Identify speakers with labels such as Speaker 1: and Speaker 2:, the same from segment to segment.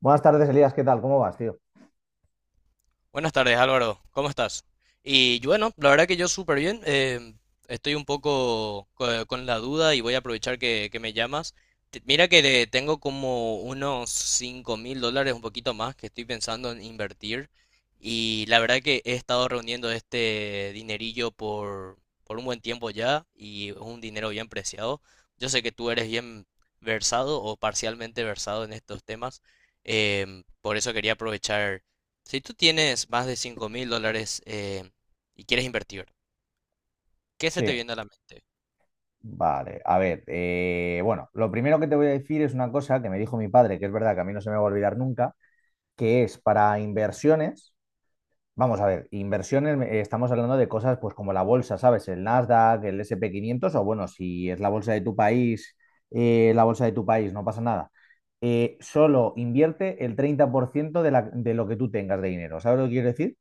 Speaker 1: Buenas tardes, Elías, ¿qué tal? ¿Cómo vas, tío?
Speaker 2: Buenas tardes, Álvaro. ¿Cómo estás? Y yo, bueno, la verdad que yo súper bien. Estoy un poco con la duda y voy a aprovechar que me llamas. Mira que le tengo como unos $5.000, un poquito más, que estoy pensando en invertir. Y la verdad que he estado reuniendo este dinerillo por un buen tiempo ya y es un dinero bien preciado. Yo sé que tú eres bien versado o parcialmente versado en estos temas. Por eso quería aprovechar. Si tú tienes más de $5.000 y quieres invertir, ¿qué se te
Speaker 1: Sí,
Speaker 2: viene a la mente?
Speaker 1: vale. A ver, lo primero que te voy a decir es una cosa que me dijo mi padre, que es verdad que a mí no se me va a olvidar nunca, que es para inversiones, vamos a ver, inversiones, estamos hablando de cosas pues como la bolsa, ¿sabes? El Nasdaq, el S&P 500 o bueno, si es la bolsa de tu país, la bolsa de tu país, no pasa nada. Solo invierte el 30% de lo que tú tengas de dinero, ¿sabes lo que quiero decir?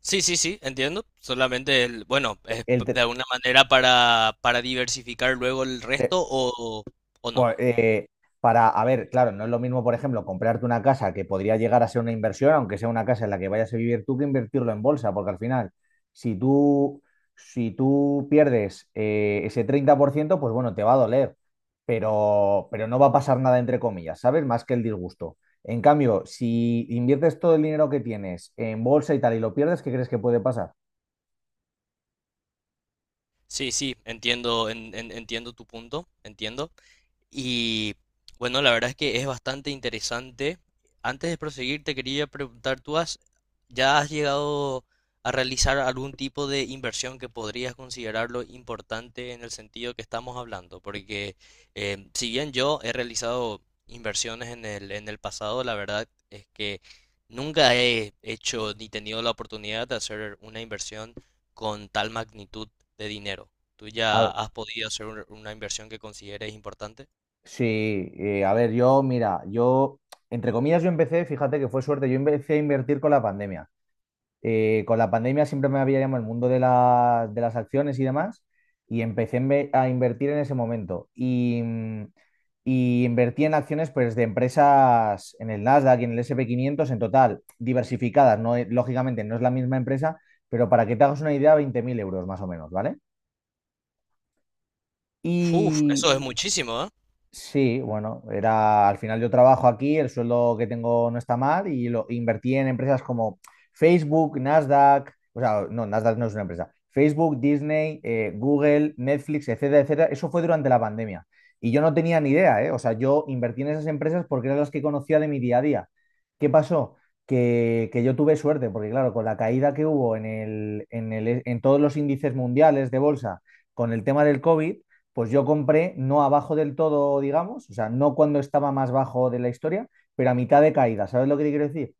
Speaker 2: Sí, sí, sí, entiendo. Solamente, el, bueno,
Speaker 1: El,
Speaker 2: de
Speaker 1: tre-
Speaker 2: alguna manera para diversificar luego el
Speaker 1: eh,
Speaker 2: resto o no.
Speaker 1: Pues, para, a ver, claro, no es lo mismo, por ejemplo, comprarte una casa que podría llegar a ser una inversión, aunque sea una casa en la que vayas a vivir tú, que invertirlo en bolsa, porque al final, si tú, si tú pierdes ese 30%, pues bueno, te va a doler, pero no va a pasar nada, entre comillas, ¿sabes? Más que el disgusto. En cambio, si inviertes todo el dinero que tienes en bolsa y tal y lo pierdes, ¿qué crees que puede pasar?
Speaker 2: Sí, sí, entiendo, entiendo tu punto, entiendo. Y bueno, la verdad es que es bastante interesante. Antes de proseguir, te quería preguntar, ¿tú has, ya has llegado a realizar algún tipo de inversión que podrías considerarlo importante en el sentido que estamos hablando? Porque si bien yo he realizado inversiones en el pasado, la verdad es que nunca he hecho ni tenido la oportunidad de hacer una inversión con tal magnitud de dinero. ¿Tú ya has podido hacer una inversión que consideres importante?
Speaker 1: Sí, a ver, mira, yo, entre comillas, yo empecé, fíjate que fue suerte, yo empecé a invertir con la pandemia. Con la pandemia siempre me había llamado el mundo de las acciones y demás, y empecé a invertir en ese momento. Y, y invertí en acciones pues, de empresas en el Nasdaq y en el S&P 500, en total, diversificadas, no. Lógicamente no es la misma empresa, pero para que te hagas una idea, 20.000 euros más o menos, ¿vale?
Speaker 2: Uf, eso es muchísimo, ¿eh?
Speaker 1: Sí, bueno, era, al final yo trabajo aquí, el sueldo que tengo no está mal y lo invertí en empresas como Facebook, Nasdaq, o sea, no, Nasdaq no es una empresa, Facebook, Disney, Google, Netflix, etcétera, etcétera. Eso fue durante la pandemia y yo no tenía ni idea, ¿eh? O sea, yo invertí en esas empresas porque eran las que conocía de mi día a día. ¿Qué pasó? Que yo tuve suerte, porque claro, con la caída que hubo en todos los índices mundiales de bolsa, con el tema del COVID pues yo compré no abajo del todo, digamos, o sea, no cuando estaba más bajo de la historia, pero a mitad de caída. ¿Sabes lo que te quiero decir?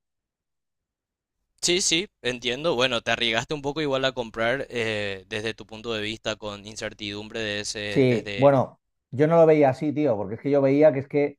Speaker 2: Sí, sí, entiendo. Bueno, te arriesgaste un poco igual a comprar desde tu punto de vista con incertidumbre de ese,
Speaker 1: Sí,
Speaker 2: desde...
Speaker 1: bueno, yo no lo veía así, tío, porque es que yo veía que es que...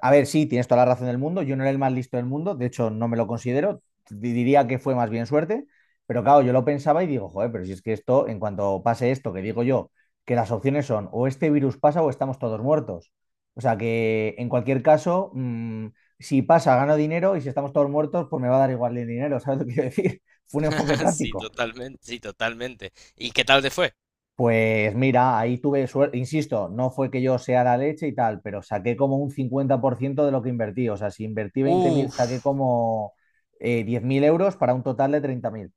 Speaker 1: A ver, sí, tienes toda la razón del mundo. Yo no era el más listo del mundo, de hecho, no me lo considero. Diría que fue más bien suerte, pero claro, yo lo pensaba y digo, joder, pero si es que esto, en cuanto pase esto, que digo yo, que las opciones son o este virus pasa o estamos todos muertos. O sea que en cualquier caso, si pasa, gano dinero y si estamos todos muertos, pues me va a dar igual el dinero, ¿sabes lo que quiero decir? Fue un enfoque
Speaker 2: Sí,
Speaker 1: práctico.
Speaker 2: totalmente, sí, totalmente. ¿Y qué tal te fue?
Speaker 1: Pues mira, ahí tuve suerte, insisto, no fue que yo sea la leche y tal, pero saqué como un 50% de lo que invertí. O sea, si invertí 20.000, saqué
Speaker 2: Uf,
Speaker 1: como 10.000 euros para un total de 30.000.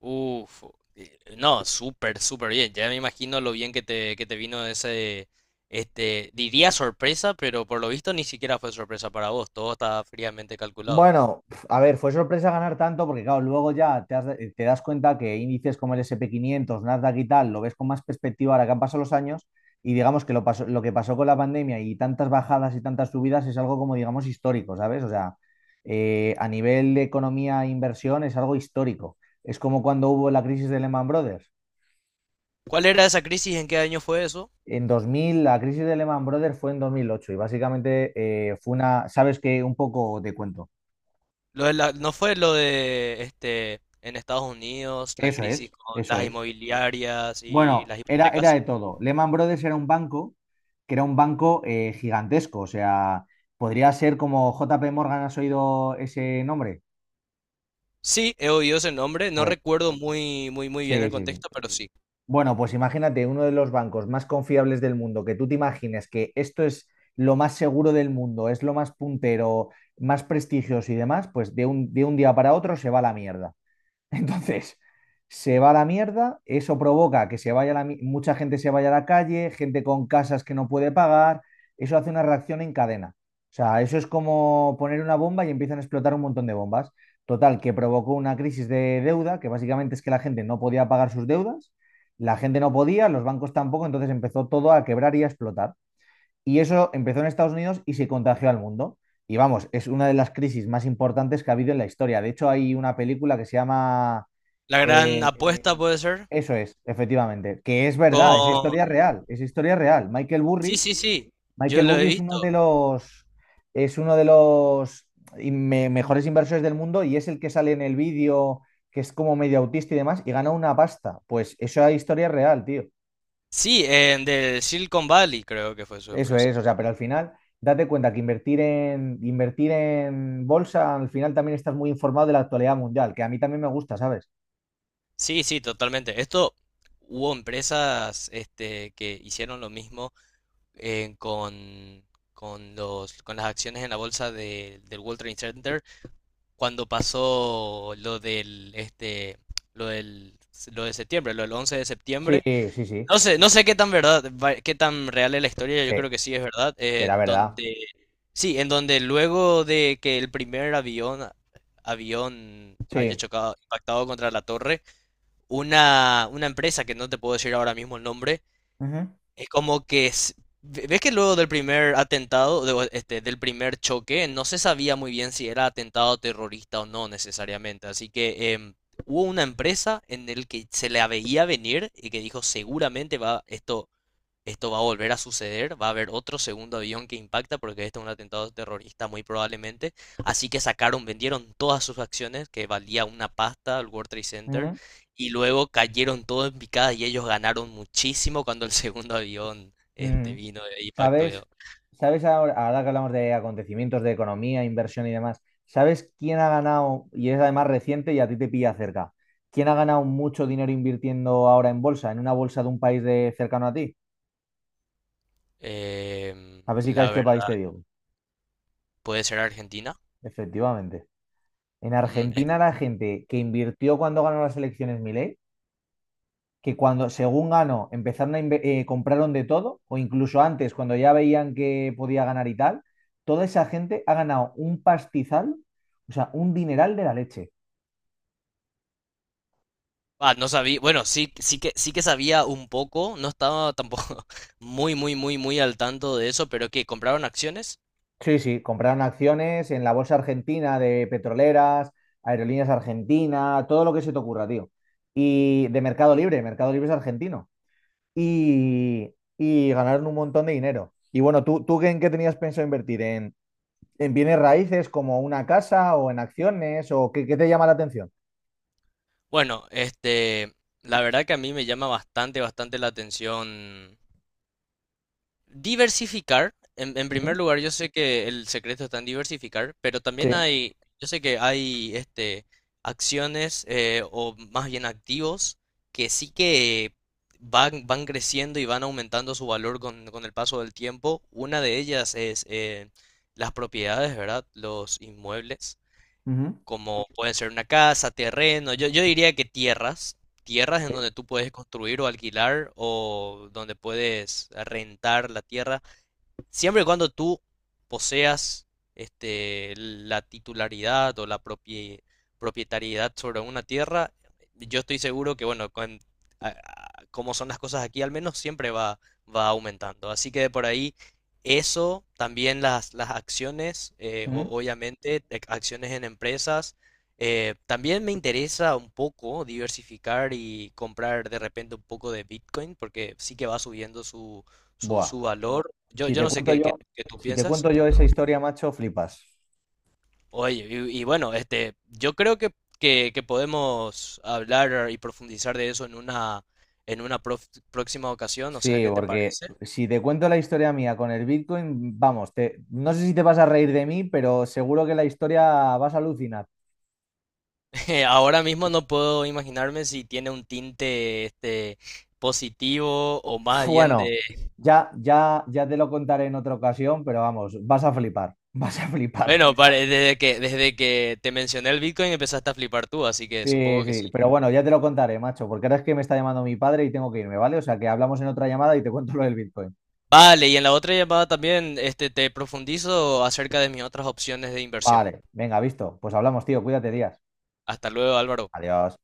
Speaker 2: uf. No, súper, súper bien. Ya me imagino lo bien que que te vino ese, este, diría sorpresa, pero por lo visto ni siquiera fue sorpresa para vos. Todo estaba fríamente calculado.
Speaker 1: Bueno, pf, a ver, fue sorpresa ganar tanto porque, claro, luego ya te das cuenta que índices como el S&P 500, Nasdaq y tal, lo ves con más perspectiva ahora que han pasado los años y digamos que lo que pasó con la pandemia y tantas bajadas y tantas subidas es algo como, digamos, histórico, ¿sabes? O sea, a nivel de economía e inversión es algo histórico. Es como cuando hubo la crisis de Lehman Brothers.
Speaker 2: ¿Cuál era esa crisis? ¿En qué año fue eso?
Speaker 1: En 2000, la crisis de Lehman Brothers fue en 2008 y básicamente fue una, ¿sabes qué? Un poco te cuento.
Speaker 2: ¿No fue lo de este en Estados Unidos, la
Speaker 1: Eso
Speaker 2: crisis
Speaker 1: es,
Speaker 2: con
Speaker 1: eso
Speaker 2: las
Speaker 1: es.
Speaker 2: inmobiliarias y
Speaker 1: Bueno,
Speaker 2: las
Speaker 1: era
Speaker 2: hipotecas?
Speaker 1: de todo. Lehman Brothers era un banco gigantesco, o sea, podría ser como JP Morgan, ¿has oído ese nombre?
Speaker 2: Sí, he oído ese nombre, no
Speaker 1: Pues
Speaker 2: recuerdo muy muy muy bien el
Speaker 1: sí, sí, sí.
Speaker 2: contexto, pero sí.
Speaker 1: Bueno, pues imagínate uno de los bancos más confiables del mundo, que tú te imagines que esto es lo más seguro del mundo, es lo más puntero, más prestigioso y demás, pues de un día para otro se va a la mierda. Entonces, se va a la mierda, eso provoca que se vaya la mi- mucha gente se vaya a la calle, gente con casas que no puede pagar, eso hace una reacción en cadena. O sea, eso es como poner una bomba y empiezan a explotar un montón de bombas. Total, que provocó una crisis de deuda, que básicamente es que la gente no podía pagar sus deudas, la gente no podía, los bancos tampoco, entonces empezó todo a quebrar y a explotar. Y eso empezó en Estados Unidos y se contagió al mundo. Y vamos, es una de las crisis más importantes que ha habido en la historia. De hecho, hay una película que se llama...
Speaker 2: La gran
Speaker 1: eh,
Speaker 2: apuesta puede ser
Speaker 1: eso es, efectivamente, que es verdad, esa
Speaker 2: con.
Speaker 1: historia es real, esa historia es real. Michael
Speaker 2: Sí,
Speaker 1: Burry,
Speaker 2: sí, sí. Yo lo he
Speaker 1: Es uno
Speaker 2: visto.
Speaker 1: de los, es uno de los mejores inversores del mundo y es el que sale en el vídeo, que es como medio autista y demás, y gana una pasta. Pues esa historia es real, tío.
Speaker 2: Sí, en del Silicon Valley creo que fue su
Speaker 1: Eso
Speaker 2: empresa.
Speaker 1: es, o sea, pero al final, date cuenta que invertir en bolsa, al final también estás muy informado de la actualidad mundial, que a mí también me gusta, ¿sabes?
Speaker 2: Sí, sí, totalmente. Esto hubo empresas este que hicieron lo mismo eh, con, con las acciones en la bolsa del World Trade Center cuando pasó lo del, lo de septiembre, lo del once de
Speaker 1: Sí,
Speaker 2: septiembre.
Speaker 1: sí, sí,
Speaker 2: No sé, no sé qué tan verdad, qué tan real es la historia, yo
Speaker 1: sí,
Speaker 2: creo que sí es verdad,
Speaker 1: será
Speaker 2: en
Speaker 1: verdad.
Speaker 2: donde, sí, en donde luego de que el primer avión haya
Speaker 1: Sí.
Speaker 2: chocado, impactado contra la torre, una empresa que no te puedo decir ahora mismo el nombre,
Speaker 1: Ujú,
Speaker 2: es como que s- ve- ves que luego del primer atentado, del primer choque, no se sabía muy bien si era atentado terrorista o no necesariamente. Así que hubo una empresa en el que se la veía venir y que dijo seguramente va esto esto va a volver a suceder, va a haber otro segundo avión que impacta porque este es un atentado terrorista muy probablemente. Así que sacaron, vendieron todas sus acciones que valía una pasta al World Trade Center
Speaker 1: ujú,
Speaker 2: y luego cayeron todo en picada y ellos ganaron muchísimo cuando el segundo avión este
Speaker 1: ujú.
Speaker 2: vino e impactó.
Speaker 1: ¿Sabes? ¿Sabes ahora que hablamos de acontecimientos de economía, inversión y demás? ¿Sabes quién ha ganado, y es además reciente y a ti te pilla cerca, quién ha ganado mucho dinero invirtiendo ahora en bolsa, en una bolsa de un país de cercano a ti?
Speaker 2: Em,
Speaker 1: A ver si
Speaker 2: la
Speaker 1: caes
Speaker 2: verdad,
Speaker 1: qué país te digo.
Speaker 2: puede ser Argentina.
Speaker 1: Efectivamente. En
Speaker 2: Mm, es-
Speaker 1: Argentina la gente que invirtió cuando ganó las elecciones Milei, que cuando según ganó empezaron a compraron de todo, o incluso antes cuando ya veían que podía ganar y tal, toda esa gente ha ganado un pastizal, o sea, un dineral de la leche.
Speaker 2: ah, no sabía, bueno, sí, sí que sabía un poco, no estaba tampoco muy muy muy muy al tanto de eso, pero que compraron acciones.
Speaker 1: Sí, sí, compraron acciones en la bolsa argentina de petroleras, aerolíneas argentinas, todo lo que se te ocurra, tío. Y de Mercado Libre, Mercado Libre es argentino. Y ganaron un montón de dinero. Y bueno, tú en qué tenías pensado invertir? En bienes raíces como una casa o en acciones o qué te llama la atención?
Speaker 2: Bueno, este, la verdad que a mí me llama bastante, bastante la atención diversificar. En
Speaker 1: Ujú.
Speaker 2: primer lugar, yo sé que el secreto está en diversificar, pero también
Speaker 1: Sí.
Speaker 2: hay, yo sé que hay, este, acciones o más bien activos que sí que van creciendo y van aumentando su valor con el paso del tiempo. Una de ellas es las propiedades, ¿verdad? Los inmuebles
Speaker 1: Ujú.
Speaker 2: como pueden ser una casa, terreno, yo diría que tierras en
Speaker 1: Sí.
Speaker 2: donde tú puedes construir o alquilar o donde puedes rentar la tierra. Siempre y cuando tú poseas este, la titularidad o propietariedad sobre una tierra, yo estoy seguro que, bueno, con, como son las cosas aquí, al menos siempre va aumentando. Así que de por ahí, eso, también las acciones,
Speaker 1: Ujú.
Speaker 2: obviamente, acciones en empresas. También me interesa un poco diversificar y comprar de repente un poco de Bitcoin, porque sí que va subiendo
Speaker 1: Buah.
Speaker 2: su valor. Yo,
Speaker 1: Si
Speaker 2: yo
Speaker 1: te
Speaker 2: no sé
Speaker 1: cuento yo,
Speaker 2: qué tú
Speaker 1: si te
Speaker 2: piensas.
Speaker 1: cuento yo esa historia, macho, flipas.
Speaker 2: Oye, y bueno, este, yo creo que podemos hablar y profundizar de eso en una, próxima ocasión, no sé
Speaker 1: Sí,
Speaker 2: qué te
Speaker 1: porque
Speaker 2: parece.
Speaker 1: si te cuento la historia mía con el Bitcoin, vamos, no sé si te vas a reír de mí, pero seguro que la historia vas a alucinar.
Speaker 2: Ahora mismo no puedo imaginarme si tiene un tinte este, positivo o más bien
Speaker 1: Bueno,
Speaker 2: de...
Speaker 1: ya te lo contaré en otra ocasión, pero vamos, vas a flipar, vas a flipar.
Speaker 2: Bueno, desde que te mencioné el Bitcoin empezaste a flipar tú, así que
Speaker 1: Sí,
Speaker 2: supongo que sí.
Speaker 1: sí, pero bueno, ya te lo contaré, macho, porque ahora es que me está llamando mi padre y tengo que irme, ¿vale? O sea que hablamos en otra llamada y te cuento lo del Bitcoin.
Speaker 2: Vale, y en la otra llamada también este, te profundizo acerca de mis otras opciones de inversión.
Speaker 1: Vale, venga, visto. Pues hablamos, tío, cuídate, días.
Speaker 2: Hasta luego, Álvaro.
Speaker 1: Adiós.